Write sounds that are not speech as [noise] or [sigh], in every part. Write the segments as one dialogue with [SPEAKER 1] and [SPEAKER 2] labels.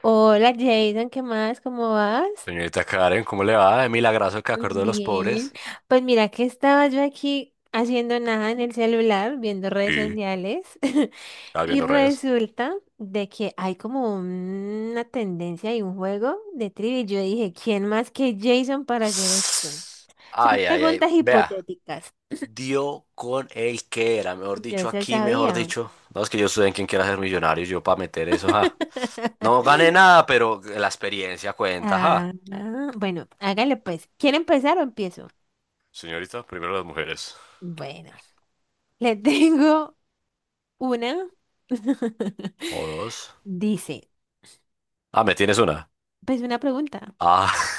[SPEAKER 1] Hola Jason, ¿qué más? ¿Cómo vas?
[SPEAKER 2] Señorita Karen, ¿cómo le va? De milagroso que acordó de los
[SPEAKER 1] Bien.
[SPEAKER 2] pobres.
[SPEAKER 1] Pues mira que estaba yo aquí haciendo nada en el celular, viendo redes
[SPEAKER 2] ¿Y?
[SPEAKER 1] sociales, [laughs]
[SPEAKER 2] ¿Estás
[SPEAKER 1] y
[SPEAKER 2] viendo redes?
[SPEAKER 1] resulta de que hay como una tendencia y un juego de trivia. Yo dije, ¿quién más que Jason para hacer esto? Son
[SPEAKER 2] Ay, ay, ay.
[SPEAKER 1] preguntas
[SPEAKER 2] Vea,
[SPEAKER 1] hipotéticas.
[SPEAKER 2] dio con el que era. Mejor
[SPEAKER 1] Yo
[SPEAKER 2] dicho,
[SPEAKER 1] se
[SPEAKER 2] aquí, mejor
[SPEAKER 1] sabía.
[SPEAKER 2] dicho. No, es que yo estudié en quien quiera ser millonario. Yo para meter eso, ja. No gané
[SPEAKER 1] [laughs]
[SPEAKER 2] nada, pero la experiencia cuenta, ja.
[SPEAKER 1] Ah, ah, bueno, hágale pues. ¿Quiere empezar o empiezo?
[SPEAKER 2] Señorita, primero las mujeres.
[SPEAKER 1] Bueno, le [laughs] tengo. Una
[SPEAKER 2] O
[SPEAKER 1] [laughs]
[SPEAKER 2] dos.
[SPEAKER 1] dice,
[SPEAKER 2] Ah, ¿me tienes una?
[SPEAKER 1] pues una pregunta.
[SPEAKER 2] Ah,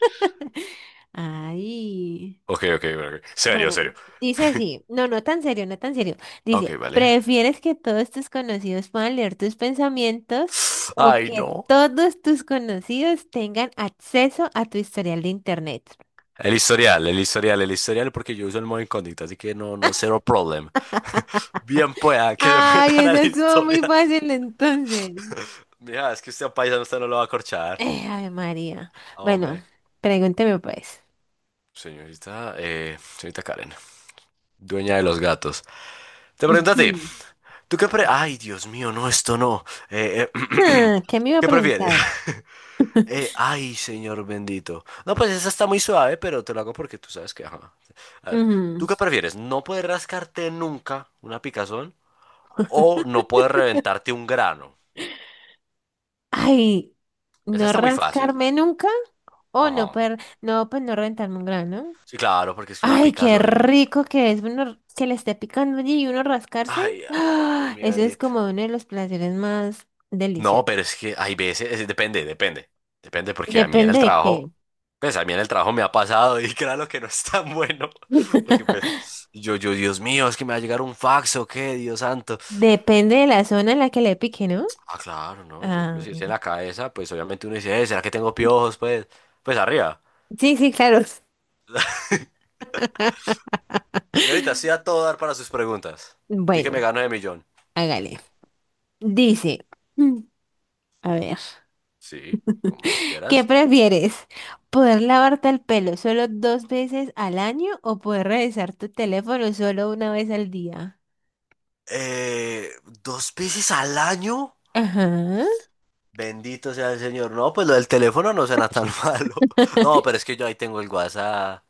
[SPEAKER 1] [laughs] Ay,
[SPEAKER 2] [laughs] ok, ok, ok. Serio,
[SPEAKER 1] bueno,
[SPEAKER 2] serio.
[SPEAKER 1] dice así, no, no tan serio, no tan serio.
[SPEAKER 2] Ok,
[SPEAKER 1] Dice,
[SPEAKER 2] vale.
[SPEAKER 1] ¿prefieres que todos tus conocidos puedan leer tus pensamientos o
[SPEAKER 2] Ay,
[SPEAKER 1] que
[SPEAKER 2] no.
[SPEAKER 1] todos tus conocidos tengan acceso a tu historial de internet?
[SPEAKER 2] El historial, el historial, el historial, porque yo uso el modo incógnito, así que no, no, cero problem. [laughs] Bien pueda
[SPEAKER 1] [laughs]
[SPEAKER 2] que se [laughs]
[SPEAKER 1] Ay,
[SPEAKER 2] metan al
[SPEAKER 1] esa estuvo muy
[SPEAKER 2] historial.
[SPEAKER 1] fácil entonces.
[SPEAKER 2] [laughs] Mira, es que usted a un paisano, usted no lo va a corchar.
[SPEAKER 1] Ay, María. Bueno,
[SPEAKER 2] Hombre.
[SPEAKER 1] pregúnteme pues.
[SPEAKER 2] Señorita, señorita Karen, dueña de los gatos. Te pregunto a ti,
[SPEAKER 1] [laughs]
[SPEAKER 2] ¿tú qué pre... Ay, Dios mío, no, esto no. Eh, eh,
[SPEAKER 1] Ah, ¿qué me iba
[SPEAKER 2] [clears throat]
[SPEAKER 1] a
[SPEAKER 2] ¿qué prefieres?
[SPEAKER 1] preguntar?
[SPEAKER 2] [laughs] Ay, señor bendito. No, pues esa está muy suave, pero te lo hago porque tú sabes que... ajá. A ver,
[SPEAKER 1] Ujú.
[SPEAKER 2] ¿tú qué prefieres? ¿No poder rascarte nunca una picazón? O no puedes
[SPEAKER 1] [laughs]
[SPEAKER 2] reventarte un grano.
[SPEAKER 1] Ay,
[SPEAKER 2] Esa
[SPEAKER 1] no
[SPEAKER 2] está muy fácil.
[SPEAKER 1] rascarme nunca o no
[SPEAKER 2] Ajá.
[SPEAKER 1] per, no, pues no rentarme un grano.
[SPEAKER 2] Sí, claro, porque es que una
[SPEAKER 1] Ay, qué
[SPEAKER 2] picazón. Y-
[SPEAKER 1] rico que es uno que le esté picando allí y uno rascarse.
[SPEAKER 2] Ay, ay, ay, Dios
[SPEAKER 1] ¡Ah!
[SPEAKER 2] mío
[SPEAKER 1] Eso es
[SPEAKER 2] bendito.
[SPEAKER 1] como uno de los placeres más
[SPEAKER 2] No,
[SPEAKER 1] deliciosos.
[SPEAKER 2] pero es que hay veces, depende, depende. Depende, porque a mí en
[SPEAKER 1] Depende
[SPEAKER 2] el
[SPEAKER 1] de qué.
[SPEAKER 2] trabajo, pues a mí en el trabajo me ha pasado y [laughs] claro que no es tan bueno. [laughs] Porque pues,
[SPEAKER 1] [laughs]
[SPEAKER 2] yo, Dios mío, es que me va a llegar un fax o qué, Dios santo.
[SPEAKER 1] Depende de la zona en la que le pique, ¿no?
[SPEAKER 2] Ah, claro, no, por ejemplo,
[SPEAKER 1] Ah,
[SPEAKER 2] si es en la cabeza, pues obviamente uno dice, ¿será que tengo piojos? Pues, pues arriba."
[SPEAKER 1] sí, sí, claro.
[SPEAKER 2] [laughs] Señorita, sí
[SPEAKER 1] [laughs]
[SPEAKER 2] a todo dar para sus preguntas. Tú que me
[SPEAKER 1] Bueno,
[SPEAKER 2] gano de millón.
[SPEAKER 1] hágale. Dice, mm, a ver.
[SPEAKER 2] Sí, como tú
[SPEAKER 1] ¿Qué
[SPEAKER 2] quieras.
[SPEAKER 1] prefieres? ¿Poder lavarte el pelo solo dos veces al año o poder revisar tu teléfono solo una vez al día?
[SPEAKER 2] Eh, ¿Dos veces al año?
[SPEAKER 1] Ajá.
[SPEAKER 2] Bendito sea el Señor. No, pues lo del teléfono no suena tan [laughs] malo. No, pero es
[SPEAKER 1] [laughs]
[SPEAKER 2] que yo ahí tengo el WhatsApp.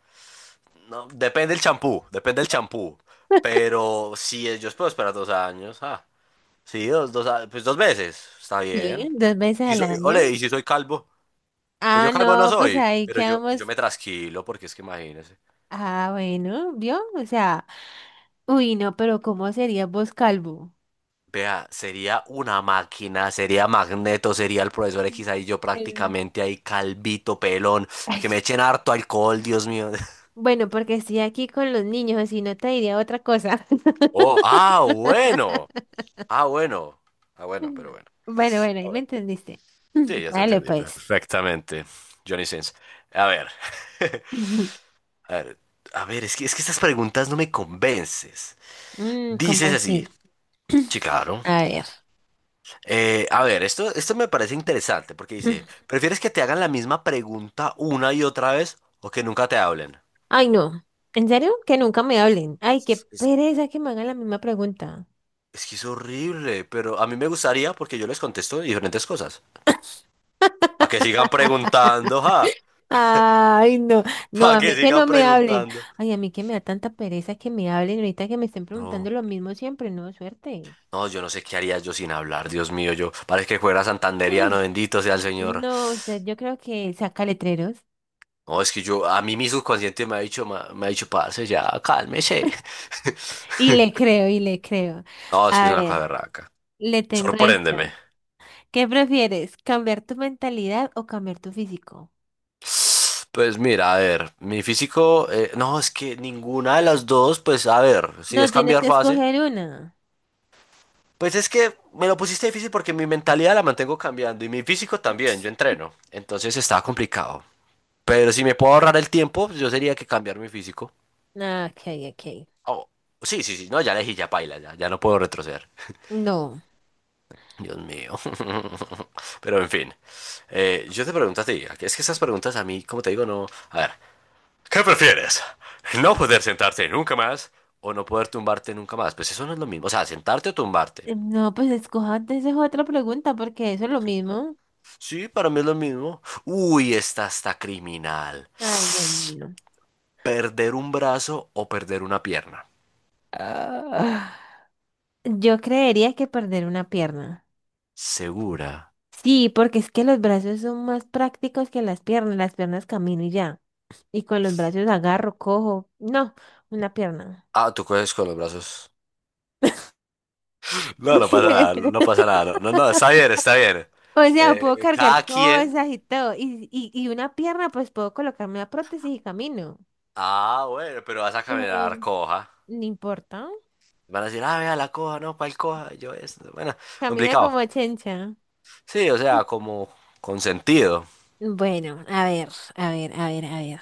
[SPEAKER 2] No, depende el champú, depende el champú. Pero sí, yo puedo esperar 2 años. Ah, sí, pues dos veces. Está
[SPEAKER 1] Sí,
[SPEAKER 2] bien.
[SPEAKER 1] dos veces
[SPEAKER 2] Y
[SPEAKER 1] al año.
[SPEAKER 2] ole, ¿y si soy calvo? Pues yo
[SPEAKER 1] Ah,
[SPEAKER 2] calvo no
[SPEAKER 1] no, pues
[SPEAKER 2] soy,
[SPEAKER 1] ahí
[SPEAKER 2] pero yo
[SPEAKER 1] quedamos.
[SPEAKER 2] me trasquilo porque es que imagínese.
[SPEAKER 1] Ah, bueno, ¿vio? O sea, uy, no, pero ¿cómo sería vos calvo?
[SPEAKER 2] Vea, sería una máquina, sería Magneto, sería el profesor X ahí yo
[SPEAKER 1] Eh,
[SPEAKER 2] prácticamente ahí calvito, pelón, y
[SPEAKER 1] ay,
[SPEAKER 2] que me echen harto alcohol, Dios mío. [laughs]
[SPEAKER 1] bueno, porque estoy aquí con los niños, si no te diría otra cosa.
[SPEAKER 2] Oh, ah, bueno.
[SPEAKER 1] [laughs]
[SPEAKER 2] Ah, bueno. Ah, bueno, pero bueno.
[SPEAKER 1] Bueno, bueno, ahí me
[SPEAKER 2] Ahora,
[SPEAKER 1] entendiste.
[SPEAKER 2] sí,
[SPEAKER 1] [laughs]
[SPEAKER 2] ya te
[SPEAKER 1] Dale,
[SPEAKER 2] entendí
[SPEAKER 1] pues.
[SPEAKER 2] perfectamente, Johnny Sins. A ver. [laughs]
[SPEAKER 1] Ujú.
[SPEAKER 2] A ver, a ver, es que estas preguntas no me convences.
[SPEAKER 1] Mm, ¿cómo
[SPEAKER 2] Dices así,
[SPEAKER 1] así?
[SPEAKER 2] sí, claro,
[SPEAKER 1] A ver.
[SPEAKER 2] A ver, esto me parece interesante porque dice,
[SPEAKER 1] [clears throat]
[SPEAKER 2] ¿prefieres que te hagan la misma pregunta una y otra vez o que nunca te hablen?
[SPEAKER 1] Ay, no. ¿En serio? Que nunca me hablen. Ay, qué
[SPEAKER 2] Es,
[SPEAKER 1] pereza que me hagan la misma pregunta.
[SPEAKER 2] es que es horrible, pero a mí me gustaría porque yo les contesto diferentes cosas. Para que sigan preguntando, ja,
[SPEAKER 1] Ay, no.
[SPEAKER 2] [laughs]
[SPEAKER 1] No,
[SPEAKER 2] para
[SPEAKER 1] a
[SPEAKER 2] que
[SPEAKER 1] mí que
[SPEAKER 2] sigan
[SPEAKER 1] no me hablen.
[SPEAKER 2] preguntando.
[SPEAKER 1] Ay, a mí que me da tanta pereza que me hablen ahorita que me estén preguntando
[SPEAKER 2] No,
[SPEAKER 1] lo mismo siempre. No, suerte.
[SPEAKER 2] no, yo no sé qué haría yo sin hablar, Dios mío, yo parece que fuera santanderiano,
[SPEAKER 1] [laughs]
[SPEAKER 2] bendito sea el Señor.
[SPEAKER 1] No, usted, yo creo que saca letreros.
[SPEAKER 2] No, es que yo, a mí mi subconsciente me ha dicho, me ha dicho, parce, ya, cálmese. [laughs]
[SPEAKER 1] Y le creo, y le creo.
[SPEAKER 2] No, es que es
[SPEAKER 1] A
[SPEAKER 2] una
[SPEAKER 1] ver,
[SPEAKER 2] cosa berraca.
[SPEAKER 1] le tengo esta.
[SPEAKER 2] Sorpréndeme.
[SPEAKER 1] ¿Qué prefieres? ¿Cambiar tu mentalidad o cambiar tu físico?
[SPEAKER 2] Pues mira, a ver, mi físico, no, es que ninguna de las dos, pues a ver, si es
[SPEAKER 1] No, tienes
[SPEAKER 2] cambiar
[SPEAKER 1] que
[SPEAKER 2] fácil,
[SPEAKER 1] escoger una.
[SPEAKER 2] pues es que me lo pusiste difícil porque mi mentalidad la mantengo cambiando y mi físico también, yo entreno, entonces estaba complicado. Pero si me puedo ahorrar el tiempo, pues yo sería que cambiar mi físico.
[SPEAKER 1] Ah, ok, ok.
[SPEAKER 2] Oh, sí, sí, sí, no, ya elegí, ya paila, ya, ya no puedo retroceder.
[SPEAKER 1] No.
[SPEAKER 2] Dios mío. [laughs] Pero en fin, yo te pregunto a ti, es que esas preguntas a mí, como te digo, no, a ver. ¿Qué prefieres? ¿No poder sentarte nunca más o no poder tumbarte nunca más? Pues eso no es lo mismo. O sea, sentarte o tumbarte.
[SPEAKER 1] No, pues escoja antes esa otra pregunta porque eso es lo mismo.
[SPEAKER 2] Sí, para mí es lo mismo. Uy, esta está criminal.
[SPEAKER 1] Ay, Dios mío.
[SPEAKER 2] ¿Perder un brazo o perder una pierna?
[SPEAKER 1] Ah, yo creería que perder una pierna.
[SPEAKER 2] Segura.
[SPEAKER 1] Sí, porque es que los brazos son más prácticos que las piernas. Las piernas camino y ya. Y con los brazos agarro, cojo. No, una pierna.
[SPEAKER 2] Ah, tú coges con los brazos. No, no pasa nada, no
[SPEAKER 1] [laughs]
[SPEAKER 2] pasa nada. No, no, no, está bien, está bien.
[SPEAKER 1] O sea, puedo cargar
[SPEAKER 2] Cada quien.
[SPEAKER 1] cosas y todo. Y una pierna, pues puedo colocarme la prótesis y camino.
[SPEAKER 2] Ah, bueno, pero vas a
[SPEAKER 1] Pero
[SPEAKER 2] caminar coja.
[SPEAKER 1] no importa.
[SPEAKER 2] Van a decir, ah, vea la coja, no, ¿cuál coja? Yo es, bueno,
[SPEAKER 1] Camina
[SPEAKER 2] complicado.
[SPEAKER 1] como chencha.
[SPEAKER 2] Sí, o sea, como con sentido.
[SPEAKER 1] Bueno, a ver.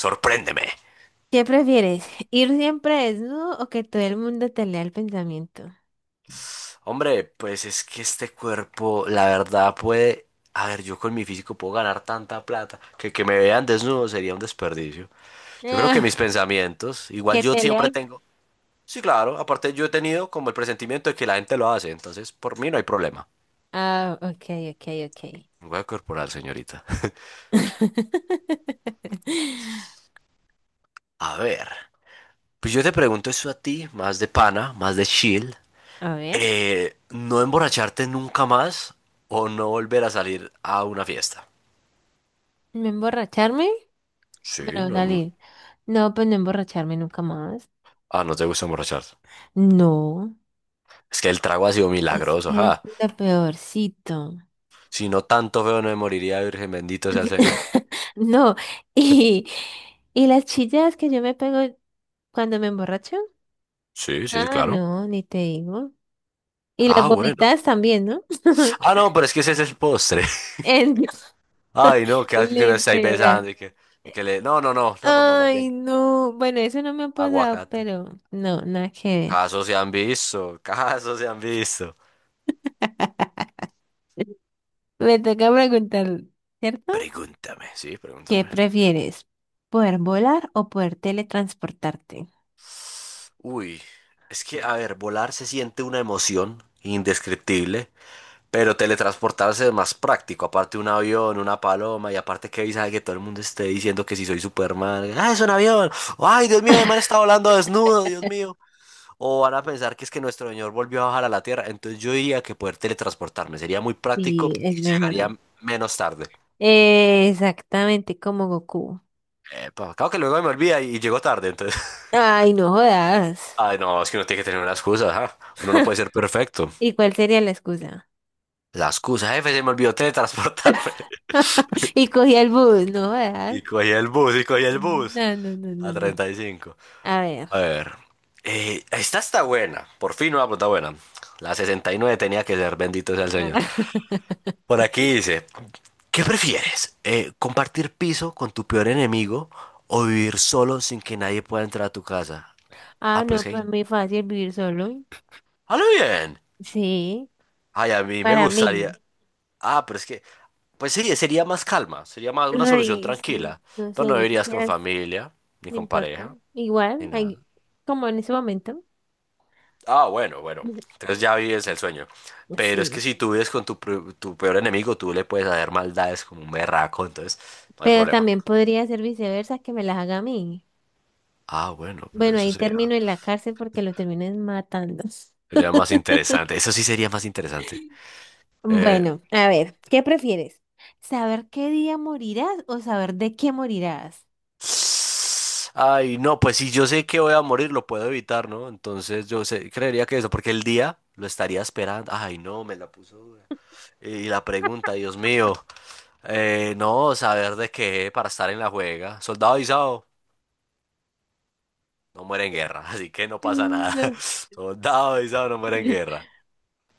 [SPEAKER 2] Sorpréndeme.
[SPEAKER 1] ¿Qué prefieres? [laughs] ¿Ir siempre desnudo o que todo el mundo te lea el pensamiento?
[SPEAKER 2] Hombre, pues es que este cuerpo, la verdad, puede... A ver, yo con mi físico puedo ganar tanta plata que me vean desnudo sería un desperdicio. Yo creo que mis
[SPEAKER 1] Ah,
[SPEAKER 2] pensamientos, igual
[SPEAKER 1] que
[SPEAKER 2] yo
[SPEAKER 1] te lea
[SPEAKER 2] siempre
[SPEAKER 1] el...
[SPEAKER 2] tengo... Sí, claro, aparte yo he tenido como el presentimiento de que la gente lo hace, entonces por mí no hay problema.
[SPEAKER 1] Ah, ok, ok, ok.
[SPEAKER 2] Voy corporal, señorita.
[SPEAKER 1] [laughs]
[SPEAKER 2] A ver, pues yo te pregunto eso a ti, más de pana, más de chill.
[SPEAKER 1] A ver,
[SPEAKER 2] ¿No emborracharte nunca más o no volver a salir a una fiesta?
[SPEAKER 1] ¿no emborracharme?
[SPEAKER 2] Sí,
[SPEAKER 1] Bueno,
[SPEAKER 2] no,
[SPEAKER 1] salir. No, pues no emborracharme nunca más.
[SPEAKER 2] ah, no te gusta emborracharse.
[SPEAKER 1] No,
[SPEAKER 2] Es que el trago ha sido
[SPEAKER 1] es
[SPEAKER 2] milagroso,
[SPEAKER 1] que es
[SPEAKER 2] ja.
[SPEAKER 1] lo peorcito.
[SPEAKER 2] Si no tanto feo no me moriría, Virgen, bendito sea el Señor.
[SPEAKER 1] [laughs] No, y, y las chillas que yo me pego cuando me emborracho.
[SPEAKER 2] Sí, sí, sí,
[SPEAKER 1] Ah,
[SPEAKER 2] claro.
[SPEAKER 1] no, ni te digo. Y las
[SPEAKER 2] Ah, bueno.
[SPEAKER 1] vomitadas también, ¿no?
[SPEAKER 2] Ah,
[SPEAKER 1] [laughs]
[SPEAKER 2] no, pero es que ese es el postre. [laughs]
[SPEAKER 1] En-
[SPEAKER 2] Ay, no, qué asco que no estáis
[SPEAKER 1] literal.
[SPEAKER 2] besando y que le... No, no, no, no, no, no, más
[SPEAKER 1] Ay,
[SPEAKER 2] bien.
[SPEAKER 1] no. Bueno, eso no me ha pasado,
[SPEAKER 2] Aguacate.
[SPEAKER 1] pero no, nada que
[SPEAKER 2] Casos se han visto, [laughs] casos se han visto.
[SPEAKER 1] ver. Me toca preguntar, ¿cierto?
[SPEAKER 2] Pregúntame, sí,
[SPEAKER 1] ¿Qué
[SPEAKER 2] pregúntame.
[SPEAKER 1] prefieres? ¿Poder volar o poder teletransportarte?
[SPEAKER 2] Uy, es que, a ver, volar se siente una emoción indescriptible. Pero teletransportarse es más práctico, aparte un avión, una paloma, y aparte que sabe que todo el mundo esté diciendo que si soy Superman, ah, es un avión, ay, Dios mío, el man
[SPEAKER 1] [laughs]
[SPEAKER 2] está volando desnudo, Dios mío. O van a pensar que es que nuestro señor volvió a bajar a la Tierra, entonces yo diría que poder teletransportarme sería muy práctico
[SPEAKER 1] Sí,
[SPEAKER 2] y
[SPEAKER 1] es mejor.
[SPEAKER 2] llegaría menos tarde.
[SPEAKER 1] Exactamente como Goku.
[SPEAKER 2] Epa, claro que luego me olvida y llego tarde, entonces.
[SPEAKER 1] Ay, no jodas.
[SPEAKER 2] [laughs] Ay, no, es que uno tiene que tener una excusa, ajá. Uno no puede ser perfecto.
[SPEAKER 1] ¿Y cuál sería la excusa?
[SPEAKER 2] La excusa, jefe, se me olvidó teletransportarme. [laughs]
[SPEAKER 1] [laughs] Y cogí el bus, no jodas.
[SPEAKER 2] Y cogí el bus, y cogí el bus
[SPEAKER 1] No, no, no, no,
[SPEAKER 2] a
[SPEAKER 1] no.
[SPEAKER 2] 35.
[SPEAKER 1] A ver.
[SPEAKER 2] A ver, esta está buena, por fin una pregunta buena. La 69 tenía que ser, bendito sea el Señor. Por
[SPEAKER 1] [laughs]
[SPEAKER 2] aquí dice, ¿qué prefieres? ¿Compartir piso con tu peor enemigo o vivir solo sin que nadie pueda entrar a tu casa?
[SPEAKER 1] Ah,
[SPEAKER 2] Ah, pero es
[SPEAKER 1] no,
[SPEAKER 2] que...
[SPEAKER 1] para mí es fácil vivir solo.
[SPEAKER 2] ¡Halo bien!
[SPEAKER 1] Sí,
[SPEAKER 2] Ay, a mí me
[SPEAKER 1] para
[SPEAKER 2] gustaría...
[SPEAKER 1] mí.
[SPEAKER 2] Ah, pero es que... Pues sí, sería más calma, sería más una solución
[SPEAKER 1] Ay, sí,
[SPEAKER 2] tranquila.
[SPEAKER 1] no
[SPEAKER 2] Pero
[SPEAKER 1] sé,
[SPEAKER 2] no
[SPEAKER 1] yo
[SPEAKER 2] vivirías con
[SPEAKER 1] quisiera,
[SPEAKER 2] familia, ni
[SPEAKER 1] no
[SPEAKER 2] con
[SPEAKER 1] importa.
[SPEAKER 2] pareja, ni
[SPEAKER 1] Igual, hay-
[SPEAKER 2] nada.
[SPEAKER 1] como en ese momento.
[SPEAKER 2] Ah, bueno, bueno.
[SPEAKER 1] [clears throat]
[SPEAKER 2] Entonces ya vives el sueño. Pero es que
[SPEAKER 1] Sí,
[SPEAKER 2] si tú vives con tu, tu peor enemigo, tú le puedes hacer maldades como un berraco, entonces no hay
[SPEAKER 1] pero
[SPEAKER 2] problema.
[SPEAKER 1] también podría ser viceversa que me las haga a mí.
[SPEAKER 2] Ah, bueno, pero
[SPEAKER 1] Bueno,
[SPEAKER 2] eso
[SPEAKER 1] ahí
[SPEAKER 2] sería,
[SPEAKER 1] termino en la cárcel porque lo terminen matando.
[SPEAKER 2] sería más interesante.
[SPEAKER 1] [laughs]
[SPEAKER 2] Eso sí sería más interesante. Eh,
[SPEAKER 1] Bueno, a ver, ¿qué prefieres? ¿Saber qué día morirás o saber de qué morirás?
[SPEAKER 2] ay, no, pues si yo sé que voy a morir, lo puedo evitar, ¿no? Entonces yo sé- creería que eso, porque el día lo estaría esperando. Ay, no, me la puso dura. Y la pregunta, Dios mío. No, saber de qué para estar en la juega. Soldado avisado no muere en guerra, [laughs] así que no pasa
[SPEAKER 1] Mm,
[SPEAKER 2] nada.
[SPEAKER 1] no.
[SPEAKER 2] [laughs] Soldado avisado no muere en
[SPEAKER 1] [laughs]
[SPEAKER 2] guerra.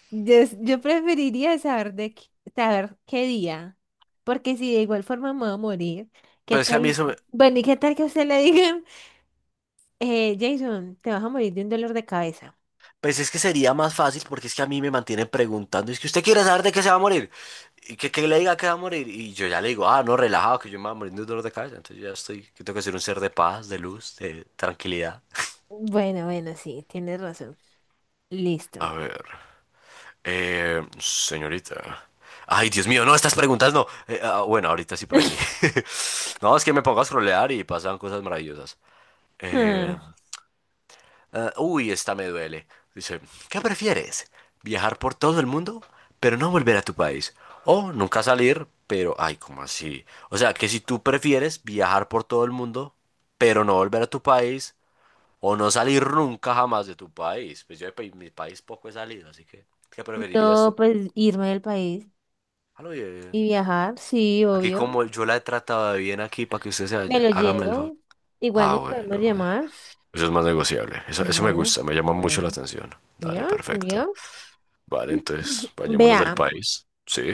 [SPEAKER 1] Yo preferiría saber de qué- saber qué día, porque si de igual forma me voy a morir, ¿qué
[SPEAKER 2] Pero es que a mí
[SPEAKER 1] tal?
[SPEAKER 2] eso me-
[SPEAKER 1] Bueno, ¿y qué tal que a usted le digan, [laughs] Jason, te vas a morir de un dolor de cabeza?
[SPEAKER 2] pues es que sería más fácil porque es que a mí me mantienen preguntando, es que usted quiere saber de qué se va a morir, y que, le diga que va a morir, y yo ya le digo, ah, no, relajado, que yo me voy a morir de un dolor de cabeza, entonces yo ya estoy, que tengo que ser un ser de paz, de luz, de tranquilidad.
[SPEAKER 1] Bueno, bueno, sí, tienes razón. Listo.
[SPEAKER 2] A ver, señorita. Ay, Dios mío, no, estas preguntas no. Ah, bueno, ahorita sí por aquí.
[SPEAKER 1] [laughs]
[SPEAKER 2] [laughs] No, es que me pongo a scrollear y pasan cosas maravillosas. Eh,
[SPEAKER 1] Ah,
[SPEAKER 2] Ah, uy, esta me duele. Dice, ¿qué prefieres? ¿Viajar por todo el mundo, pero no volver a tu país? O nunca salir, pero... Ay, ¿cómo así? O sea, que si tú prefieres viajar por todo el mundo, pero no volver a tu país, o no salir nunca jamás de tu país. Pues yo mi país poco he salido, así que, ¿qué preferirías
[SPEAKER 1] no,
[SPEAKER 2] tú?
[SPEAKER 1] pues irme del país
[SPEAKER 2] A lo bien.
[SPEAKER 1] y viajar, sí,
[SPEAKER 2] Aquí
[SPEAKER 1] obvio.
[SPEAKER 2] como yo la he tratado de bien aquí para que usted se
[SPEAKER 1] Me
[SPEAKER 2] vaya,
[SPEAKER 1] lo
[SPEAKER 2] hágame el favor.
[SPEAKER 1] llevo. Igual
[SPEAKER 2] Ah,
[SPEAKER 1] nos
[SPEAKER 2] bueno.
[SPEAKER 1] podemos llamar.
[SPEAKER 2] Eso es más negociable. Eso me
[SPEAKER 1] Bueno,
[SPEAKER 2] gusta, me llama mucho la
[SPEAKER 1] bueno.
[SPEAKER 2] atención. Dale,
[SPEAKER 1] ¿Vio?
[SPEAKER 2] perfecto.
[SPEAKER 1] ¿Vio?
[SPEAKER 2] Vale, entonces, vayámonos del
[SPEAKER 1] Vea.
[SPEAKER 2] país. Sí,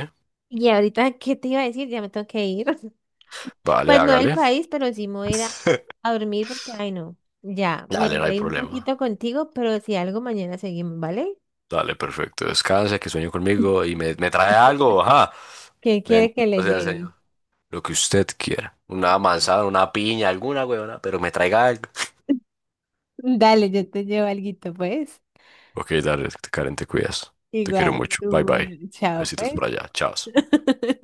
[SPEAKER 1] Y ahorita, ¿qué te iba a decir? Ya me tengo que ir.
[SPEAKER 2] vale,
[SPEAKER 1] Pues no el
[SPEAKER 2] hágale.
[SPEAKER 1] país, pero sí me voy a ir
[SPEAKER 2] [laughs]
[SPEAKER 1] a dormir porque, ay no, ya, me
[SPEAKER 2] Dale, no hay
[SPEAKER 1] reí un
[SPEAKER 2] problema.
[SPEAKER 1] poquito contigo, pero si algo mañana seguimos, ¿vale?
[SPEAKER 2] Dale, perfecto. Descanse, que sueño conmigo y me trae algo. Ajá.
[SPEAKER 1] ¿Qué quiere que
[SPEAKER 2] Bendito
[SPEAKER 1] le
[SPEAKER 2] sea el
[SPEAKER 1] lleve?
[SPEAKER 2] Señor. Lo que usted quiera. Una
[SPEAKER 1] Bueno.
[SPEAKER 2] manzana, una piña, alguna huevona, pero me traiga algo.
[SPEAKER 1] [laughs] Dale, yo te llevo alguito, pues.
[SPEAKER 2] Ok, dale, Karen, te cuidas. Te quiero
[SPEAKER 1] Igual,
[SPEAKER 2] mucho. Bye,
[SPEAKER 1] bueno,
[SPEAKER 2] bye.
[SPEAKER 1] chao,
[SPEAKER 2] Besitos por
[SPEAKER 1] pues.
[SPEAKER 2] allá. Chao.
[SPEAKER 1] [laughs]